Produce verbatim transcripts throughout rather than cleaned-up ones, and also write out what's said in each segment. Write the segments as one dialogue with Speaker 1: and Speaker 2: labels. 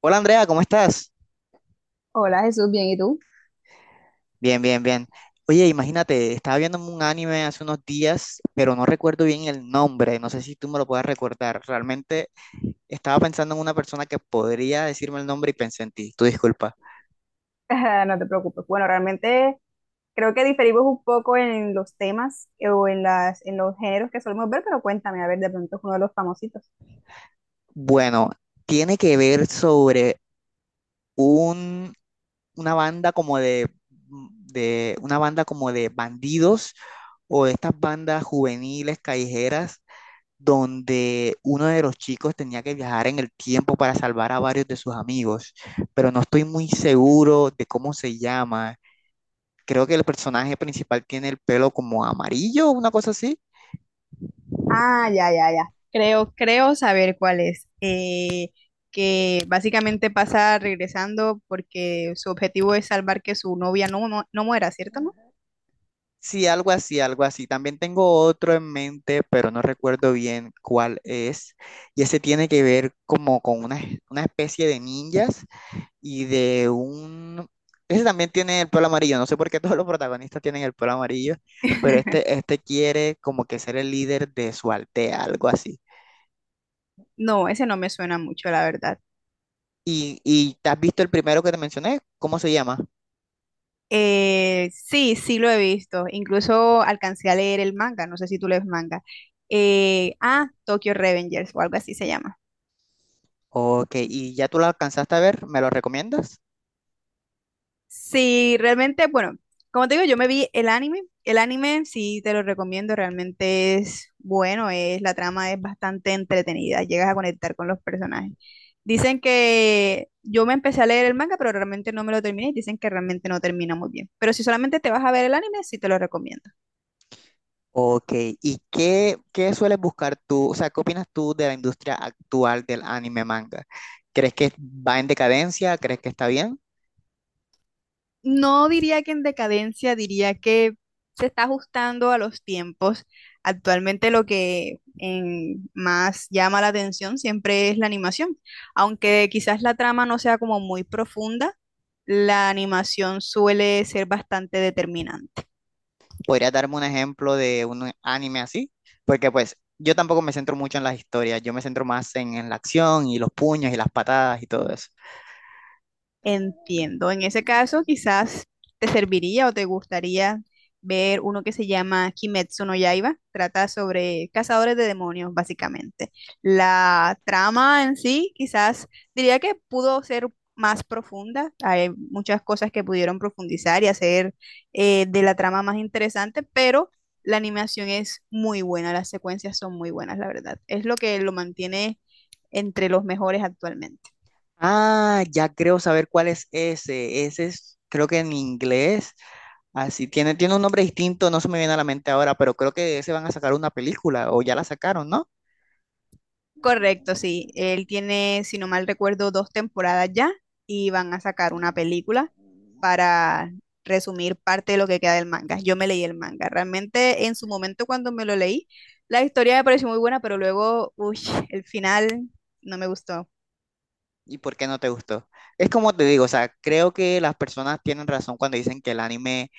Speaker 1: Hola Andrea, ¿cómo estás?
Speaker 2: Hola Jesús, bien, ¿y tú?
Speaker 1: Bien, bien, bien. Oye, imagínate, estaba viendo un anime hace unos días, pero no recuerdo bien el nombre, no sé si tú me lo puedas recordar. Realmente estaba pensando en una persona que podría decirme el nombre y pensé en ti, tu disculpa.
Speaker 2: No te preocupes. Bueno, realmente creo que diferimos un poco en los temas eh, o en las, en los géneros que solemos ver, pero cuéntame, a ver, de pronto es uno de los famositos.
Speaker 1: Bueno, tiene que ver sobre un, una banda como de, de, una banda como de bandidos o de estas bandas juveniles callejeras donde uno de los chicos tenía que viajar en el tiempo para salvar a varios de sus amigos, pero no estoy muy seguro de cómo se llama. Creo que el personaje principal tiene el pelo como amarillo, una cosa así.
Speaker 2: Ah, ya, ya, ya. Creo, creo saber cuál es. Eh, que básicamente pasa regresando porque su objetivo es salvar que su novia no, no, no muera, ¿cierto, no?
Speaker 1: Sí, algo así, algo así. También tengo otro en mente, pero no recuerdo bien cuál es. Y ese tiene que ver como con una, una especie de ninjas y de un... Ese también tiene el pelo amarillo, no sé por qué todos los protagonistas tienen el pelo amarillo, pero este, este quiere como que ser el líder de su aldea, algo así.
Speaker 2: No, ese no me suena mucho, la verdad.
Speaker 1: Y, ¿y te has visto el primero que te mencioné? ¿Cómo se llama?
Speaker 2: Eh, sí, sí lo he visto. Incluso alcancé a leer el manga. No sé si tú lees manga. Eh, ah, Tokyo Revengers o algo así se llama.
Speaker 1: Ok, ¿y ya tú lo alcanzaste a ver? ¿Me lo recomiendas?
Speaker 2: Sí, realmente, bueno, como te digo, yo me vi el anime. El anime sí te lo recomiendo. Realmente es bueno. Es, la trama es bastante entretenida. Llegas a conectar con los personajes. Dicen que yo me empecé a leer el manga, pero realmente no me lo terminé y dicen que realmente no termina muy bien. Pero si solamente te vas a ver el anime, sí te lo recomiendo.
Speaker 1: Ok, ¿y qué, qué sueles buscar tú? O sea, ¿qué opinas tú de la industria actual del anime manga? ¿Crees que va en decadencia? ¿Crees que está bien?
Speaker 2: No diría que en decadencia, diría que se está ajustando a los tiempos. Actualmente lo que en- más llama la atención siempre es la animación. Aunque quizás la trama no sea como muy profunda, la animación suele ser bastante determinante.
Speaker 1: ¿Podrías darme un ejemplo de un anime así? Porque pues yo tampoco me centro mucho en las historias, yo me centro más en, en la acción y los puños y las patadas y todo eso.
Speaker 2: Entiendo. En ese caso, quizás te serviría o te gustaría ver uno que se llama Kimetsu no Yaiba. Trata sobre cazadores de demonios, básicamente. La trama en sí, quizás diría que pudo ser más profunda. Hay muchas cosas que pudieron profundizar y hacer eh, de la trama más interesante, pero la animación es muy buena, las secuencias son muy buenas, la verdad. Es lo que lo mantiene entre los mejores actualmente.
Speaker 1: Ah, ya creo saber cuál es ese. Ese es, creo que en inglés, así tiene, tiene un nombre distinto, no se me viene a la mente ahora, pero creo que de ese van a sacar una película o ya la sacaron, ¿no?
Speaker 2: Correcto, sí. Él tiene, si no mal recuerdo, dos temporadas ya y van a sacar una película para resumir parte de lo que queda del manga. Yo me leí el manga. Realmente en su momento cuando me lo leí, la historia me pareció muy buena, pero luego, uy, el final no me gustó.
Speaker 1: ¿Y por qué no te gustó? Es como te digo, o sea, creo que las personas tienen razón cuando dicen que el anime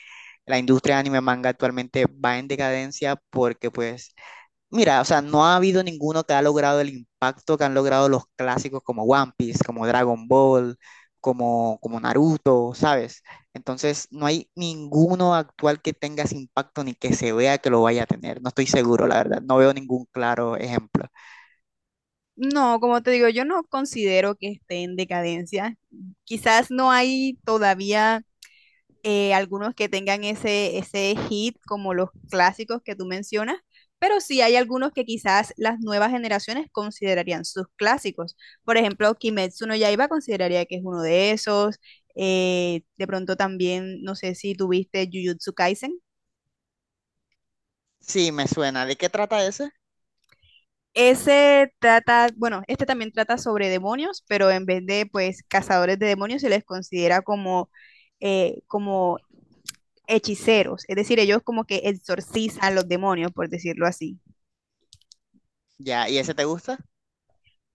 Speaker 1: la industria anime manga actualmente va en decadencia porque pues, mira, o sea, no ha habido ninguno que ha logrado el impacto que han logrado los clásicos como One Piece, como Dragon Ball, como, como Naruto, ¿sabes? Entonces, no hay ninguno actual que tenga ese impacto ni que se vea que lo vaya a tener. No estoy seguro, la verdad. No veo ningún claro ejemplo.
Speaker 2: No, como te digo, yo no considero que esté en decadencia. Quizás no hay todavía eh, algunos que tengan ese, ese hit como los clásicos que tú mencionas, pero sí hay algunos que quizás las nuevas generaciones considerarían sus clásicos. Por ejemplo, Kimetsu no Yaiba consideraría que es uno de esos. eh, de pronto también, no sé si tuviste Jujutsu Kaisen.
Speaker 1: Sí, me suena. ¿De qué trata ese?
Speaker 2: Ese trata, bueno, este también trata sobre demonios, pero en vez de pues cazadores de demonios se les considera como, eh, como hechiceros, es decir, ellos como que exorcizan los demonios, por decirlo así.
Speaker 1: Ya, ¿y ese te gusta?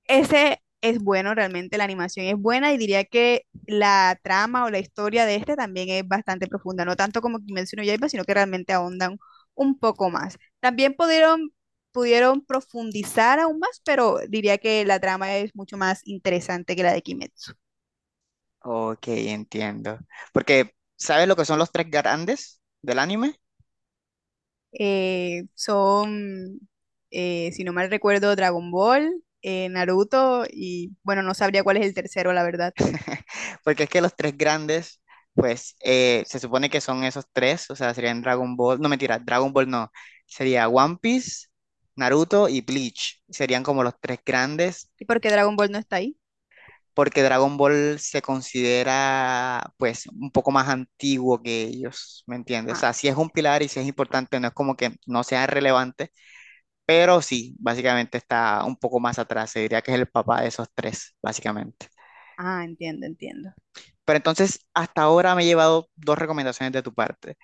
Speaker 2: Ese es bueno, realmente la animación es buena y diría que la trama o la historia de este también es bastante profunda, no tanto como Kimetsu no Yaiba, sino que realmente ahondan un poco más. También pudieron, pudieron profundizar aún más, pero diría que la trama es mucho más interesante que la de Kimetsu.
Speaker 1: Ok, entiendo. Porque, ¿sabes lo que son los tres grandes del anime?
Speaker 2: Eh, son, eh, si no mal recuerdo, Dragon Ball, eh, Naruto y bueno, no sabría cuál es el tercero, la verdad.
Speaker 1: Porque es que los tres grandes, pues eh, se supone que son esos tres, o sea, serían Dragon Ball, no mentira, Dragon Ball no, sería One Piece, Naruto y Bleach, serían como los tres grandes,
Speaker 2: ¿Y por qué Dragon Ball no está ahí?
Speaker 1: porque Dragon Ball se considera pues un poco más antiguo que ellos, ¿me entiendes? O
Speaker 2: Ah,
Speaker 1: sea, sí es un pilar y sí es importante, no es como que no sea relevante, pero sí, básicamente está un poco más atrás, se diría que es el papá de esos tres, básicamente.
Speaker 2: ah, entiendo, entiendo.
Speaker 1: Pero entonces, hasta ahora me he llevado dos recomendaciones de tu parte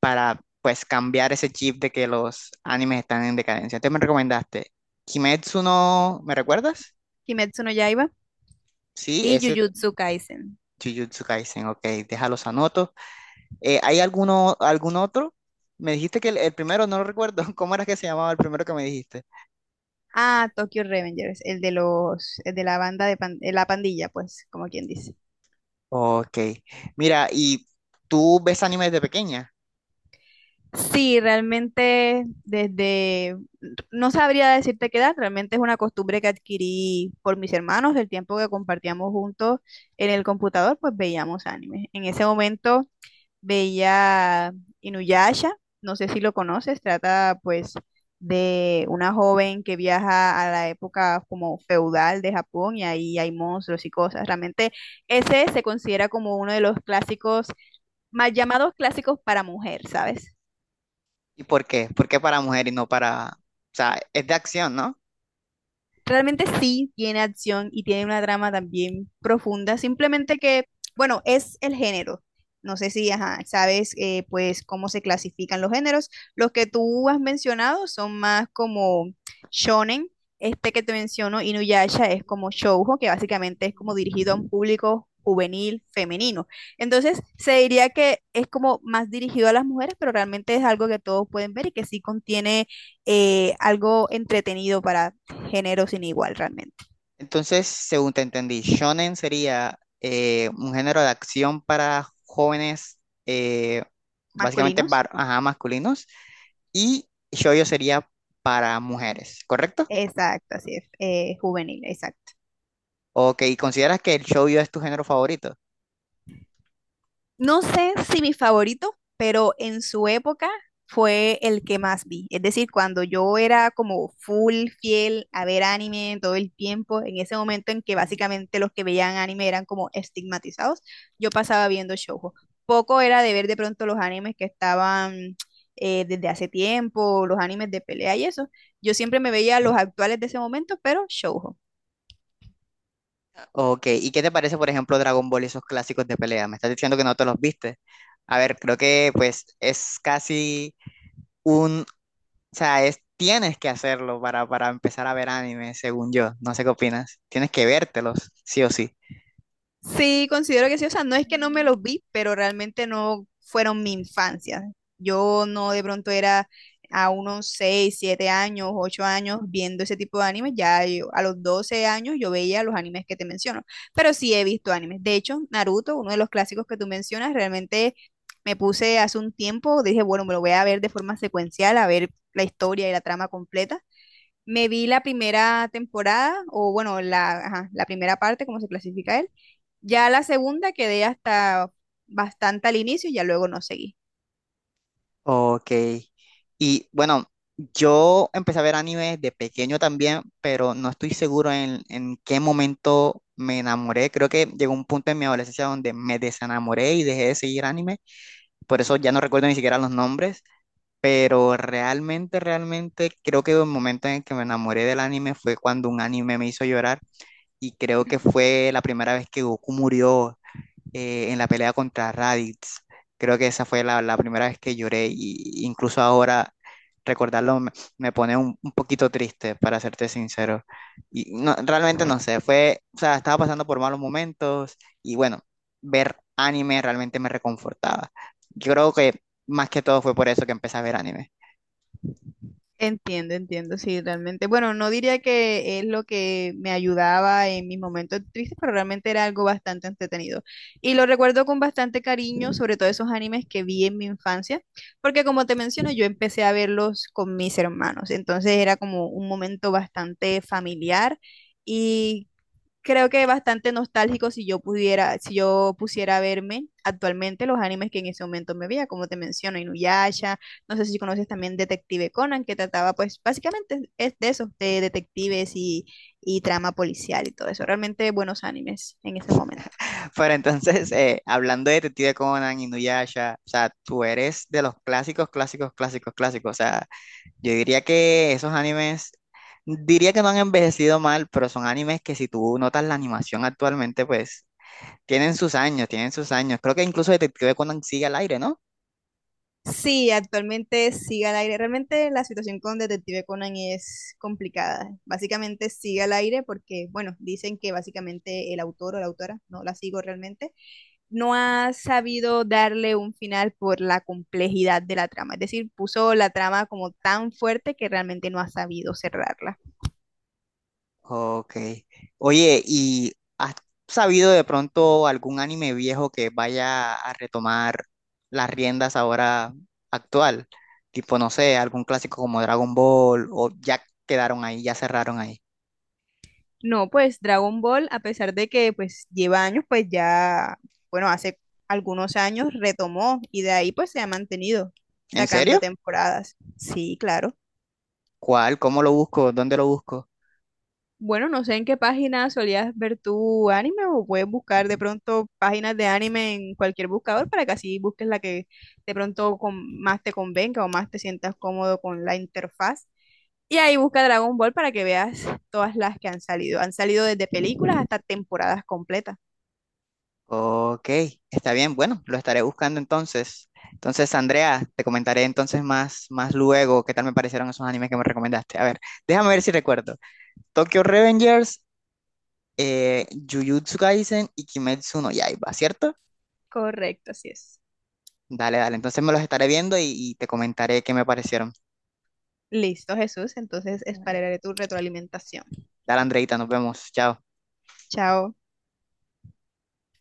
Speaker 1: para, pues, cambiar ese chip de que los animes están en decadencia. Entonces me recomendaste Kimetsu no... ¿Me recuerdas?
Speaker 2: Kimetsu no Yaiba
Speaker 1: Sí,
Speaker 2: y
Speaker 1: ese
Speaker 2: Jujutsu Kaisen.
Speaker 1: Jujutsu Kaisen, ok, déjalos anotos. Eh, ¿hay alguno, algún otro? Me dijiste que el, el primero, no lo recuerdo. ¿Cómo era que se llamaba el primero que me dijiste?
Speaker 2: Ah, Tokyo Revengers, el de los, el de la banda de pan- eh, la pandilla, pues, como quien dice.
Speaker 1: Ok, mira, ¿y tú ves animes de pequeña?
Speaker 2: Sí, realmente desde, no sabría decirte qué edad, realmente es una costumbre que adquirí por mis hermanos, el tiempo que compartíamos juntos en el computador, pues veíamos anime. En ese momento veía Inuyasha, no sé si lo conoces, trata pues de una joven que viaja a la época como feudal de Japón y ahí hay monstruos y cosas. Realmente ese se considera como uno de los clásicos, más llamados clásicos para mujer, ¿sabes?
Speaker 1: ¿Y por qué? ¿Por qué para mujer y no para... O sea, es de acción, ¿no?
Speaker 2: Realmente sí tiene acción y tiene una trama también profunda, simplemente que, bueno, es el género. No sé si, ajá, sabes, eh, pues, cómo se clasifican los géneros. Los que tú has mencionado son más como shonen. Este que te menciono, Inuyasha, es como shoujo, que básicamente es como dirigido a un público juvenil femenino. Entonces, se diría que es como más dirigido a las mujeres, pero realmente es algo que todos pueden ver y que sí contiene eh, algo entretenido para género sin igual realmente.
Speaker 1: Entonces, según te entendí, shonen sería eh, un género de acción para jóvenes, eh, básicamente
Speaker 2: Masculinos.
Speaker 1: bar- ajá, masculinos, y shoujo sería para mujeres, ¿correcto?
Speaker 2: Exacto, así es. eh, juvenil, exacto.
Speaker 1: Ok, ¿consideras que el shoujo es tu género favorito?
Speaker 2: No sé si mi favorito, pero en su época fue el que más vi. Es decir, cuando yo era como full fiel a ver anime todo el tiempo, en ese momento en que
Speaker 1: Mm.
Speaker 2: básicamente los que veían anime eran como estigmatizados, yo pasaba viendo shoujo. Poco era de ver de pronto los animes que estaban eh, desde hace tiempo, los animes de pelea y eso. Yo siempre me veía los actuales de ese momento, pero shoujo.
Speaker 1: Ok, ¿y qué te parece, por ejemplo, Dragon Ball y esos clásicos de pelea? Me estás diciendo que no te los viste. A ver, creo que pues es casi un... O sea, es, tienes que hacerlo para, para empezar a ver anime, según yo. No sé qué opinas. Tienes que vértelos, sí o sí.
Speaker 2: Sí, considero que sí. O sea, no es que no me los vi, pero realmente no fueron mi infancia. Yo no de pronto era a unos seis, siete años, ocho años viendo ese tipo de animes. Ya yo- a los doce años yo veía los animes que te menciono. Pero sí he visto animes. De hecho, Naruto, uno de los clásicos que tú mencionas, realmente me puse hace un tiempo, dije, bueno, me lo voy a ver de forma secuencial, a ver la historia y la trama completa. Me vi la primera temporada, o bueno, la, ajá, la primera parte, como se clasifica él. Ya la segunda quedé hasta bastante al inicio y ya luego no seguí.
Speaker 1: Ok. Y bueno, yo empecé a ver anime de pequeño también, pero no estoy seguro en, en qué momento me enamoré. Creo que llegó un punto en mi adolescencia donde me desenamoré y dejé de seguir anime. Por eso ya no recuerdo ni siquiera los nombres. Pero realmente, realmente creo que el momento en el que me enamoré del anime fue cuando un anime me hizo llorar y creo que fue la primera vez que Goku murió eh, en la pelea contra Raditz. Creo que esa fue la, la primera vez que lloré, y incluso ahora recordarlo me, me pone un, un, poquito triste, para serte sincero. Y no, realmente no sé, fue, o sea, estaba pasando por malos momentos y bueno, ver anime realmente me reconfortaba. Yo creo que más que todo fue por eso que empecé a ver anime.
Speaker 2: Entiendo, entiendo, sí, realmente. Bueno, no diría que es lo que me ayudaba en mis momentos tristes, pero realmente era algo bastante entretenido. Y lo recuerdo con bastante cariño, sobre todo esos animes que vi en mi infancia, porque como te menciono, yo empecé a verlos con mis hermanos, entonces era como un momento bastante familiar y creo que bastante nostálgico si yo pudiera, si yo pusiera verme actualmente los animes que en ese momento me veía, como te menciono, Inuyasha, no sé si conoces también Detective Conan, que trataba pues básicamente es de eso, de detectives y, y trama policial y todo eso, realmente buenos animes en ese momento.
Speaker 1: Pero entonces, eh, hablando de Detective Conan, Inuyasha, o sea, tú eres de los clásicos, clásicos, clásicos, clásicos. O sea, yo diría que esos animes, diría que no han envejecido mal, pero son animes que si tú notas la animación actualmente, pues tienen sus años, tienen sus años. Creo que incluso Detective Conan sigue al aire, ¿no?
Speaker 2: Sí, actualmente sigue al aire, realmente la situación con Detective Conan es complicada, básicamente sigue al aire porque, bueno, dicen que básicamente el autor o la autora, no la sigo realmente, no ha sabido darle un final por la complejidad de la trama. Es decir, puso la trama como tan fuerte que realmente no ha sabido cerrarla.
Speaker 1: Ok. Oye, ¿y has sabido de pronto algún anime viejo que vaya a retomar las riendas ahora actual? Tipo, no sé, algún clásico como Dragon Ball o ya quedaron ahí, ya cerraron ahí.
Speaker 2: No, pues Dragon Ball, a pesar de que pues lleva años, pues ya, bueno, hace algunos años retomó y de ahí pues se ha mantenido
Speaker 1: ¿En
Speaker 2: sacando
Speaker 1: serio?
Speaker 2: temporadas. Sí, claro.
Speaker 1: ¿Cuál? ¿Cómo lo busco? ¿Dónde lo busco?
Speaker 2: Bueno, no sé en qué página solías ver tu anime o puedes buscar de pronto páginas de anime en cualquier buscador para que así busques la que de pronto con- más te convenga o más te sientas cómodo con la interfaz. Y ahí busca Dragon Ball para que veas todas las que han salido. Han salido desde películas hasta temporadas completas.
Speaker 1: Ok, está bien, bueno, lo estaré buscando entonces. Entonces, Andrea, te comentaré entonces más, más luego qué tal me parecieron esos animes que me recomendaste. A ver, déjame ver si recuerdo. Tokyo Revengers, eh, Jujutsu Kaisen y Kimetsu no Yaiba, ¿cierto?
Speaker 2: Correcto, así es.
Speaker 1: Dale, dale. Entonces me los estaré viendo y, y te comentaré qué me parecieron.
Speaker 2: Listo, Jesús. Entonces esperaré tu retroalimentación.
Speaker 1: Dale, Andreita, nos vemos. Chao.
Speaker 2: Chao.